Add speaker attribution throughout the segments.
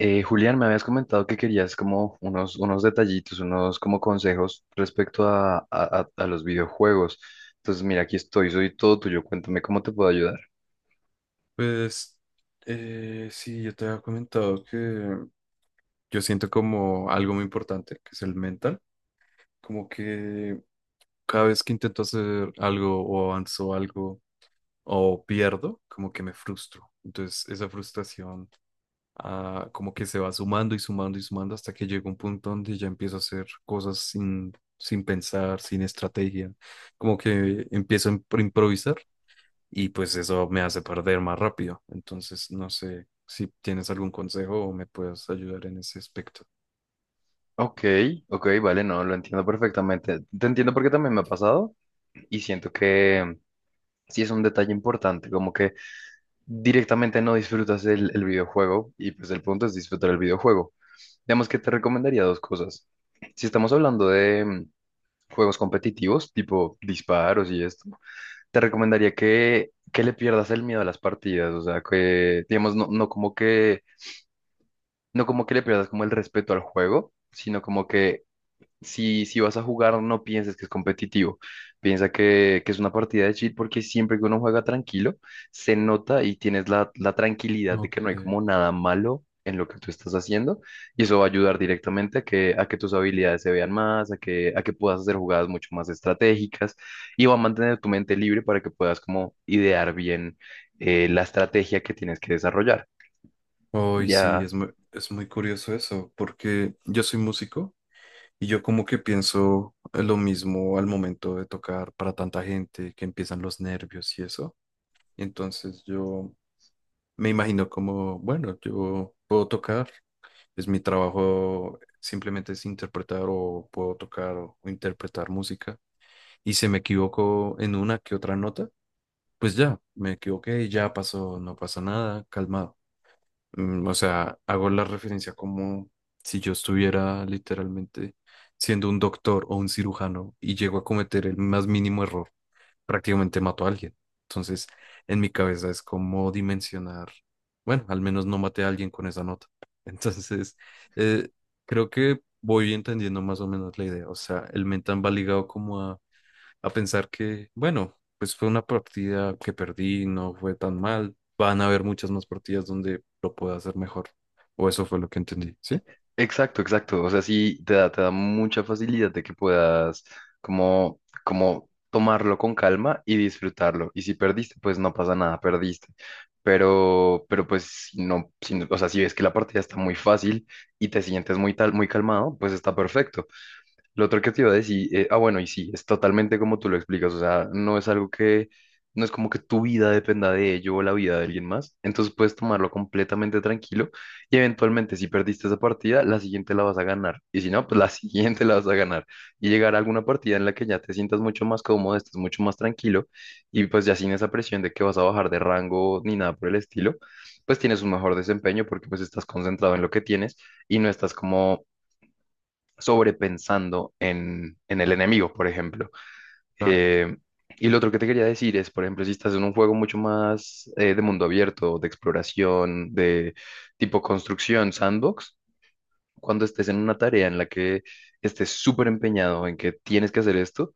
Speaker 1: Julián, me habías comentado que querías como unos detallitos, unos como consejos respecto a los videojuegos. Entonces, mira, aquí estoy, soy todo tuyo, cuéntame cómo te puedo ayudar.
Speaker 2: Pues sí, yo te había comentado que yo siento como algo muy importante, que es el mental, como que cada vez que intento hacer algo o avanzo algo o pierdo, como que me frustro. Entonces esa frustración como que se va sumando y sumando y sumando hasta que llega un punto donde ya empiezo a hacer cosas sin pensar, sin estrategia, como que empiezo a improvisar y pues eso me hace perder más rápido. Entonces, no sé si tienes algún consejo o me puedes ayudar en ese aspecto.
Speaker 1: Ok, ok, vale, no, lo entiendo perfectamente. Te entiendo porque también me ha pasado y siento que sí es un detalle importante, como que directamente no disfrutas el videojuego y pues el punto es disfrutar el videojuego. Digamos que te recomendaría dos cosas. Si estamos hablando de juegos competitivos, tipo disparos y esto. Te recomendaría que le pierdas el miedo a las partidas, o sea, que, digamos, no como que le pierdas como el respeto al juego, sino como que si vas a jugar, no pienses que es competitivo. Piensa que es una partida de chill porque siempre que uno juega tranquilo, se nota y tienes la tranquilidad de que
Speaker 2: Ok.
Speaker 1: no hay como nada malo en lo que tú estás haciendo. Y eso va a ayudar directamente a que, a que, tus habilidades se vean más, a que puedas hacer jugadas mucho más estratégicas y va a mantener tu mente libre para que puedas como idear bien la estrategia que tienes que desarrollar.
Speaker 2: Hoy sí,
Speaker 1: Ya.
Speaker 2: es es muy curioso eso, porque yo soy músico y yo como que pienso lo mismo al momento de tocar para tanta gente, que empiezan los nervios y eso. Entonces yo me imagino como, bueno, yo puedo tocar, es mi trabajo simplemente es interpretar o puedo tocar o interpretar música y se me equivocó en una que otra nota, pues ya, me equivoqué, ya pasó, no pasa nada, calmado. Mm, o sea, hago la referencia como si yo estuviera literalmente siendo un doctor o un cirujano y llego a cometer el más mínimo error, prácticamente mato a alguien. Entonces, en mi cabeza es como dimensionar, bueno, al menos no maté a alguien con esa nota. Entonces, eh, creo que voy entendiendo más o menos la idea. O sea, el mental va ligado como a pensar que, bueno, pues fue una partida que perdí, no fue tan mal. Van a haber muchas más partidas donde lo pueda hacer mejor. O eso fue lo que entendí, ¿sí?
Speaker 1: Exacto, exacto. O sea, sí te da mucha facilidad de que puedas como, como tomarlo con calma y disfrutarlo. Y si perdiste, pues no pasa nada, perdiste. Pero pues si no, si o sea, si ves que la partida está muy fácil y te sientes muy tal, muy calmado, pues está perfecto. Lo otro que te iba a decir, bueno, y sí, es totalmente como tú lo explicas, o sea, no es como que tu vida dependa de ello o la vida de alguien más, entonces puedes tomarlo completamente tranquilo y eventualmente si perdiste esa partida, la siguiente la vas a ganar, y si no, pues la siguiente la vas a ganar, y llegar a alguna partida en la que ya te sientas mucho más cómodo, estés mucho más tranquilo, y pues ya sin esa presión de que vas a bajar de rango ni nada por el estilo, pues tienes un mejor desempeño porque pues estás concentrado en lo que tienes y no estás como sobrepensando en el enemigo, por ejemplo.
Speaker 2: Claro.
Speaker 1: Eh, y lo otro que te quería decir es, por ejemplo, si estás en un juego mucho más de mundo abierto, de exploración, de tipo construcción, sandbox, cuando estés en una tarea en la que estés súper empeñado en que tienes que hacer esto,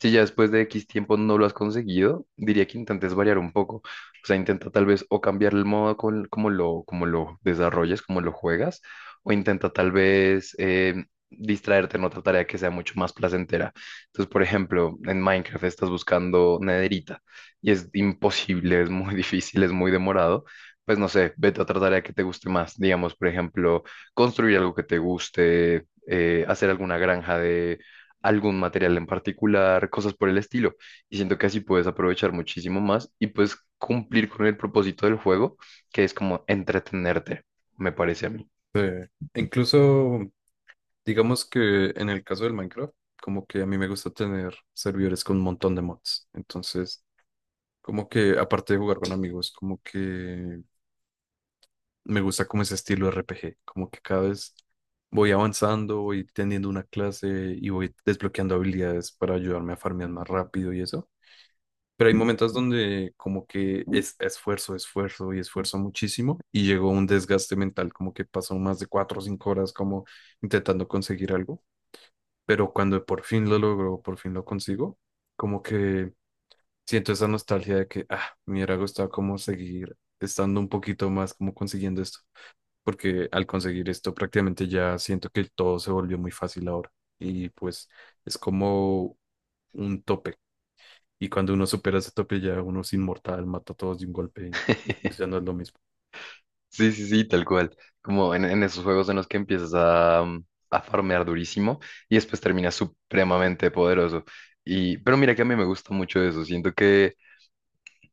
Speaker 1: si ya después de X tiempo no lo has conseguido, diría que intentes variar un poco. O sea, intenta tal vez o cambiar el modo como lo desarrollas, como lo juegas, o intenta tal vez distraerte en otra tarea que sea mucho más placentera. Entonces, por ejemplo, en Minecraft estás buscando nederita y es imposible, es muy difícil, es muy demorado. Pues no sé, vete a otra tarea que te guste más. Digamos, por ejemplo, construir algo que te guste, hacer alguna granja algún material en particular, cosas por el estilo. Y siento que así puedes aprovechar muchísimo más y puedes cumplir con el propósito del juego, que es como entretenerte, me parece a mí.
Speaker 2: Eh, incluso, digamos que en el caso del Minecraft, como que a mí me gusta tener servidores con un montón de mods. Entonces, como que aparte de jugar con amigos, como que me gusta como ese estilo RPG, como que cada vez voy avanzando, voy teniendo una clase y voy desbloqueando habilidades para ayudarme a farmear más rápido y eso. Pero hay momentos donde como que es esfuerzo, esfuerzo y esfuerzo muchísimo y llegó un desgaste mental, como que pasó más de 4 o 5 horas como intentando conseguir algo. Pero cuando por fin lo logro, por fin lo consigo, como que siento esa nostalgia de que, ah, me hubiera gustado como seguir estando un poquito más como consiguiendo esto porque al conseguir esto prácticamente ya siento que todo se volvió muy fácil ahora y pues es como un tope, y cuando uno supera ese tope ya uno es inmortal, mata a todos de un golpe y pues ya no es lo mismo.
Speaker 1: Sí, sí, sí, tal cual. Como en esos juegos en los que empiezas a, a farmear durísimo y después terminas supremamente poderoso. Pero mira que a mí me gusta mucho eso. Siento que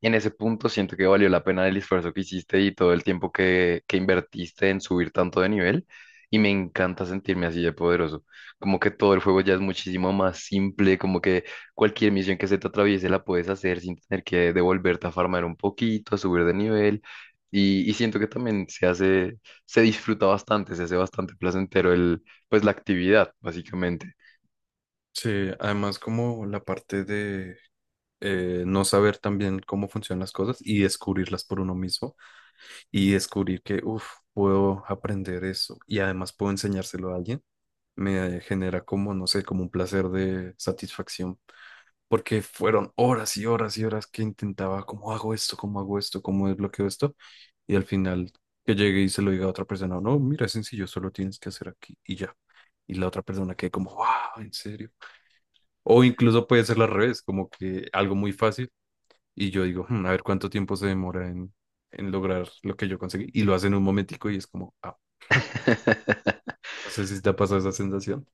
Speaker 1: en ese punto siento que valió la pena el esfuerzo que hiciste y todo el tiempo que invertiste en subir tanto de nivel. Y me encanta sentirme así de poderoso. Como que todo el juego ya es muchísimo más simple, como que cualquier misión que se te atraviese la puedes hacer sin tener que devolverte a farmar un poquito, a subir de nivel. Y siento que también se disfruta bastante, se hace bastante placentero el, pues la actividad, básicamente.
Speaker 2: Sí, además como la parte de no saber también cómo funcionan las cosas y descubrirlas por uno mismo y descubrir que, uff, puedo aprender eso y además puedo enseñárselo a alguien, me genera como, no sé, como un placer de satisfacción porque fueron horas y horas y horas que intentaba, ¿cómo hago esto? ¿Cómo hago esto? ¿Cómo desbloqueo esto? Y al final que llegue y se lo diga a otra persona, no, mira, es sencillo, solo tienes que hacer aquí y ya. Y la otra persona quede como, wow, ¿en serio? O incluso puede ser al revés, como que algo muy fácil y yo digo, "Hmm, a ver cuánto tiempo se demora en lograr lo que yo conseguí". Y lo hacen un momentico y es como, ah, no sé si te ha pasado esa sensación.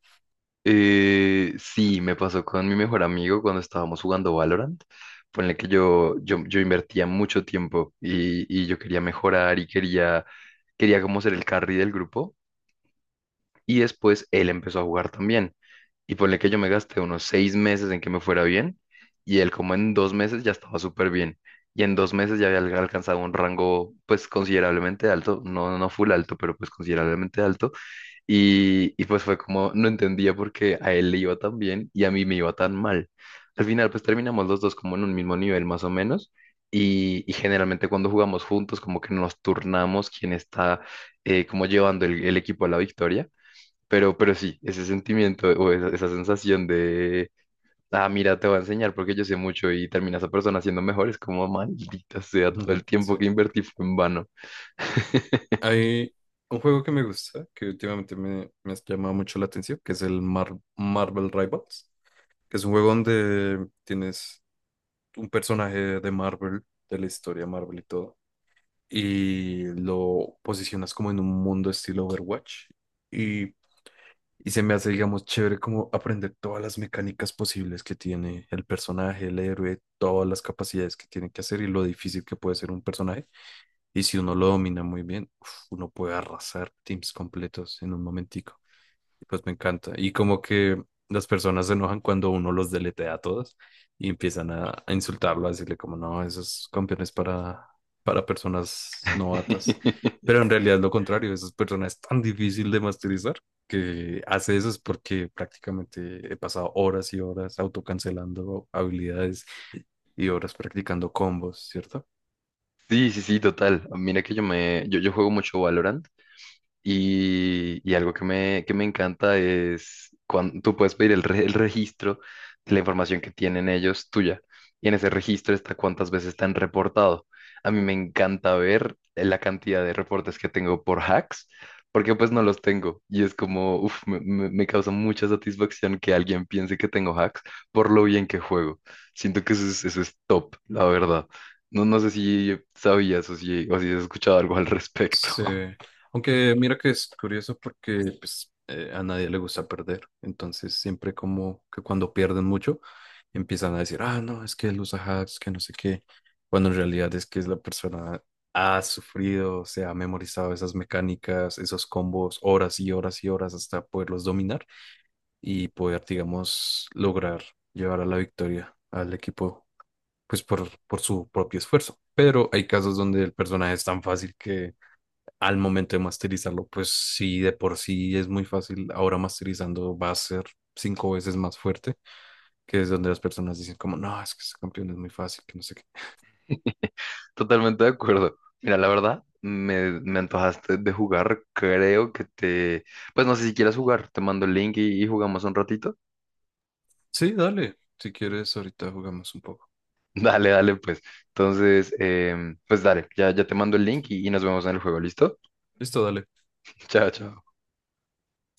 Speaker 1: Sí, me pasó con mi mejor amigo cuando estábamos jugando Valorant. Ponle que yo invertía mucho tiempo y, yo quería mejorar y quería como ser el carry del grupo. Y después él empezó a jugar también. Y ponle que yo me gasté unos 6 meses en que me fuera bien y él como en 2 meses ya estaba súper bien. Y en 2 meses ya había alcanzado un rango pues considerablemente alto, no, no full alto, pero pues considerablemente alto. Y pues fue como, no entendía por qué a él le iba tan bien y a mí me iba tan mal. Al final, pues terminamos los dos como en un mismo nivel más o menos. Y generalmente cuando jugamos juntos, como que nos turnamos quién está como llevando el equipo a la victoria. Pero sí, ese sentimiento o esa, sensación de, ah, mira, te voy a enseñar porque yo sé mucho y termina esa persona siendo mejor, es como, maldita sea, todo el
Speaker 2: Ujú,
Speaker 1: tiempo
Speaker 2: sí.
Speaker 1: que invertí fue en vano.
Speaker 2: Hay un juego que me gusta, que últimamente me ha llamado mucho la atención, que es el Marvel Rivals, que es un juego donde tienes un personaje de Marvel, de la historia Marvel y todo, y lo posicionas como en un mundo estilo Overwatch. Y y se me hace, digamos, chévere como aprender todas las mecánicas posibles que tiene el personaje, el héroe, todas las capacidades que tiene que hacer y lo difícil que puede ser un personaje. Y si uno lo domina muy bien, uf, uno puede arrasar teams completos en un momentico. Y pues me encanta. Y como que las personas se enojan cuando uno los deletea a todos y empiezan a insultarlo, a decirle como no, esos campeones para personas novatas. Pero en realidad es lo contrario, esas personas es tan difícil de masterizar que hace eso es porque prácticamente he pasado horas y horas autocancelando habilidades y horas practicando combos, ¿cierto?
Speaker 1: Sí, sí, sí, total. Mira que yo juego mucho Valorant. Y algo que me encanta es cuando tú puedes pedir el registro de la información que tienen ellos tuya. Y en ese registro está cuántas veces te han reportado. A mí me encanta ver la cantidad de reportes que tengo por hacks, porque pues no los tengo. Y es como, uff, me, me causa mucha satisfacción que alguien piense que tengo hacks por lo bien que juego. Siento que eso es top, la verdad. No sé si sabías o o si has escuchado algo al respecto.
Speaker 2: Sí, aunque mira que es curioso porque pues, a nadie le gusta perder, entonces siempre como que cuando pierden mucho empiezan a decir, ah, no, es que él usa hacks, que no sé qué, cuando en realidad es que es la persona ha sufrido, se ha memorizado esas mecánicas, esos combos, horas y horas y horas hasta poderlos dominar y poder, digamos, lograr llevar a la victoria al equipo, pues por su propio esfuerzo. Pero hay casos donde el personaje es tan fácil que al momento de masterizarlo, pues sí, de por sí es muy fácil, ahora masterizando va a ser 5 veces más fuerte, que es donde las personas dicen como, no, es que este campeón es muy fácil, que no sé qué.
Speaker 1: Totalmente de acuerdo. Mira, la verdad, me antojaste de jugar. Creo que te... Pues no sé si quieras jugar. Te mando el link y, jugamos un ratito.
Speaker 2: Sí, dale, si quieres, ahorita jugamos un poco.
Speaker 1: Dale, dale, pues. Entonces, pues dale, ya te mando el link y, nos vemos en el juego. ¿Listo?
Speaker 2: Listo, dale.
Speaker 1: Chao, chao.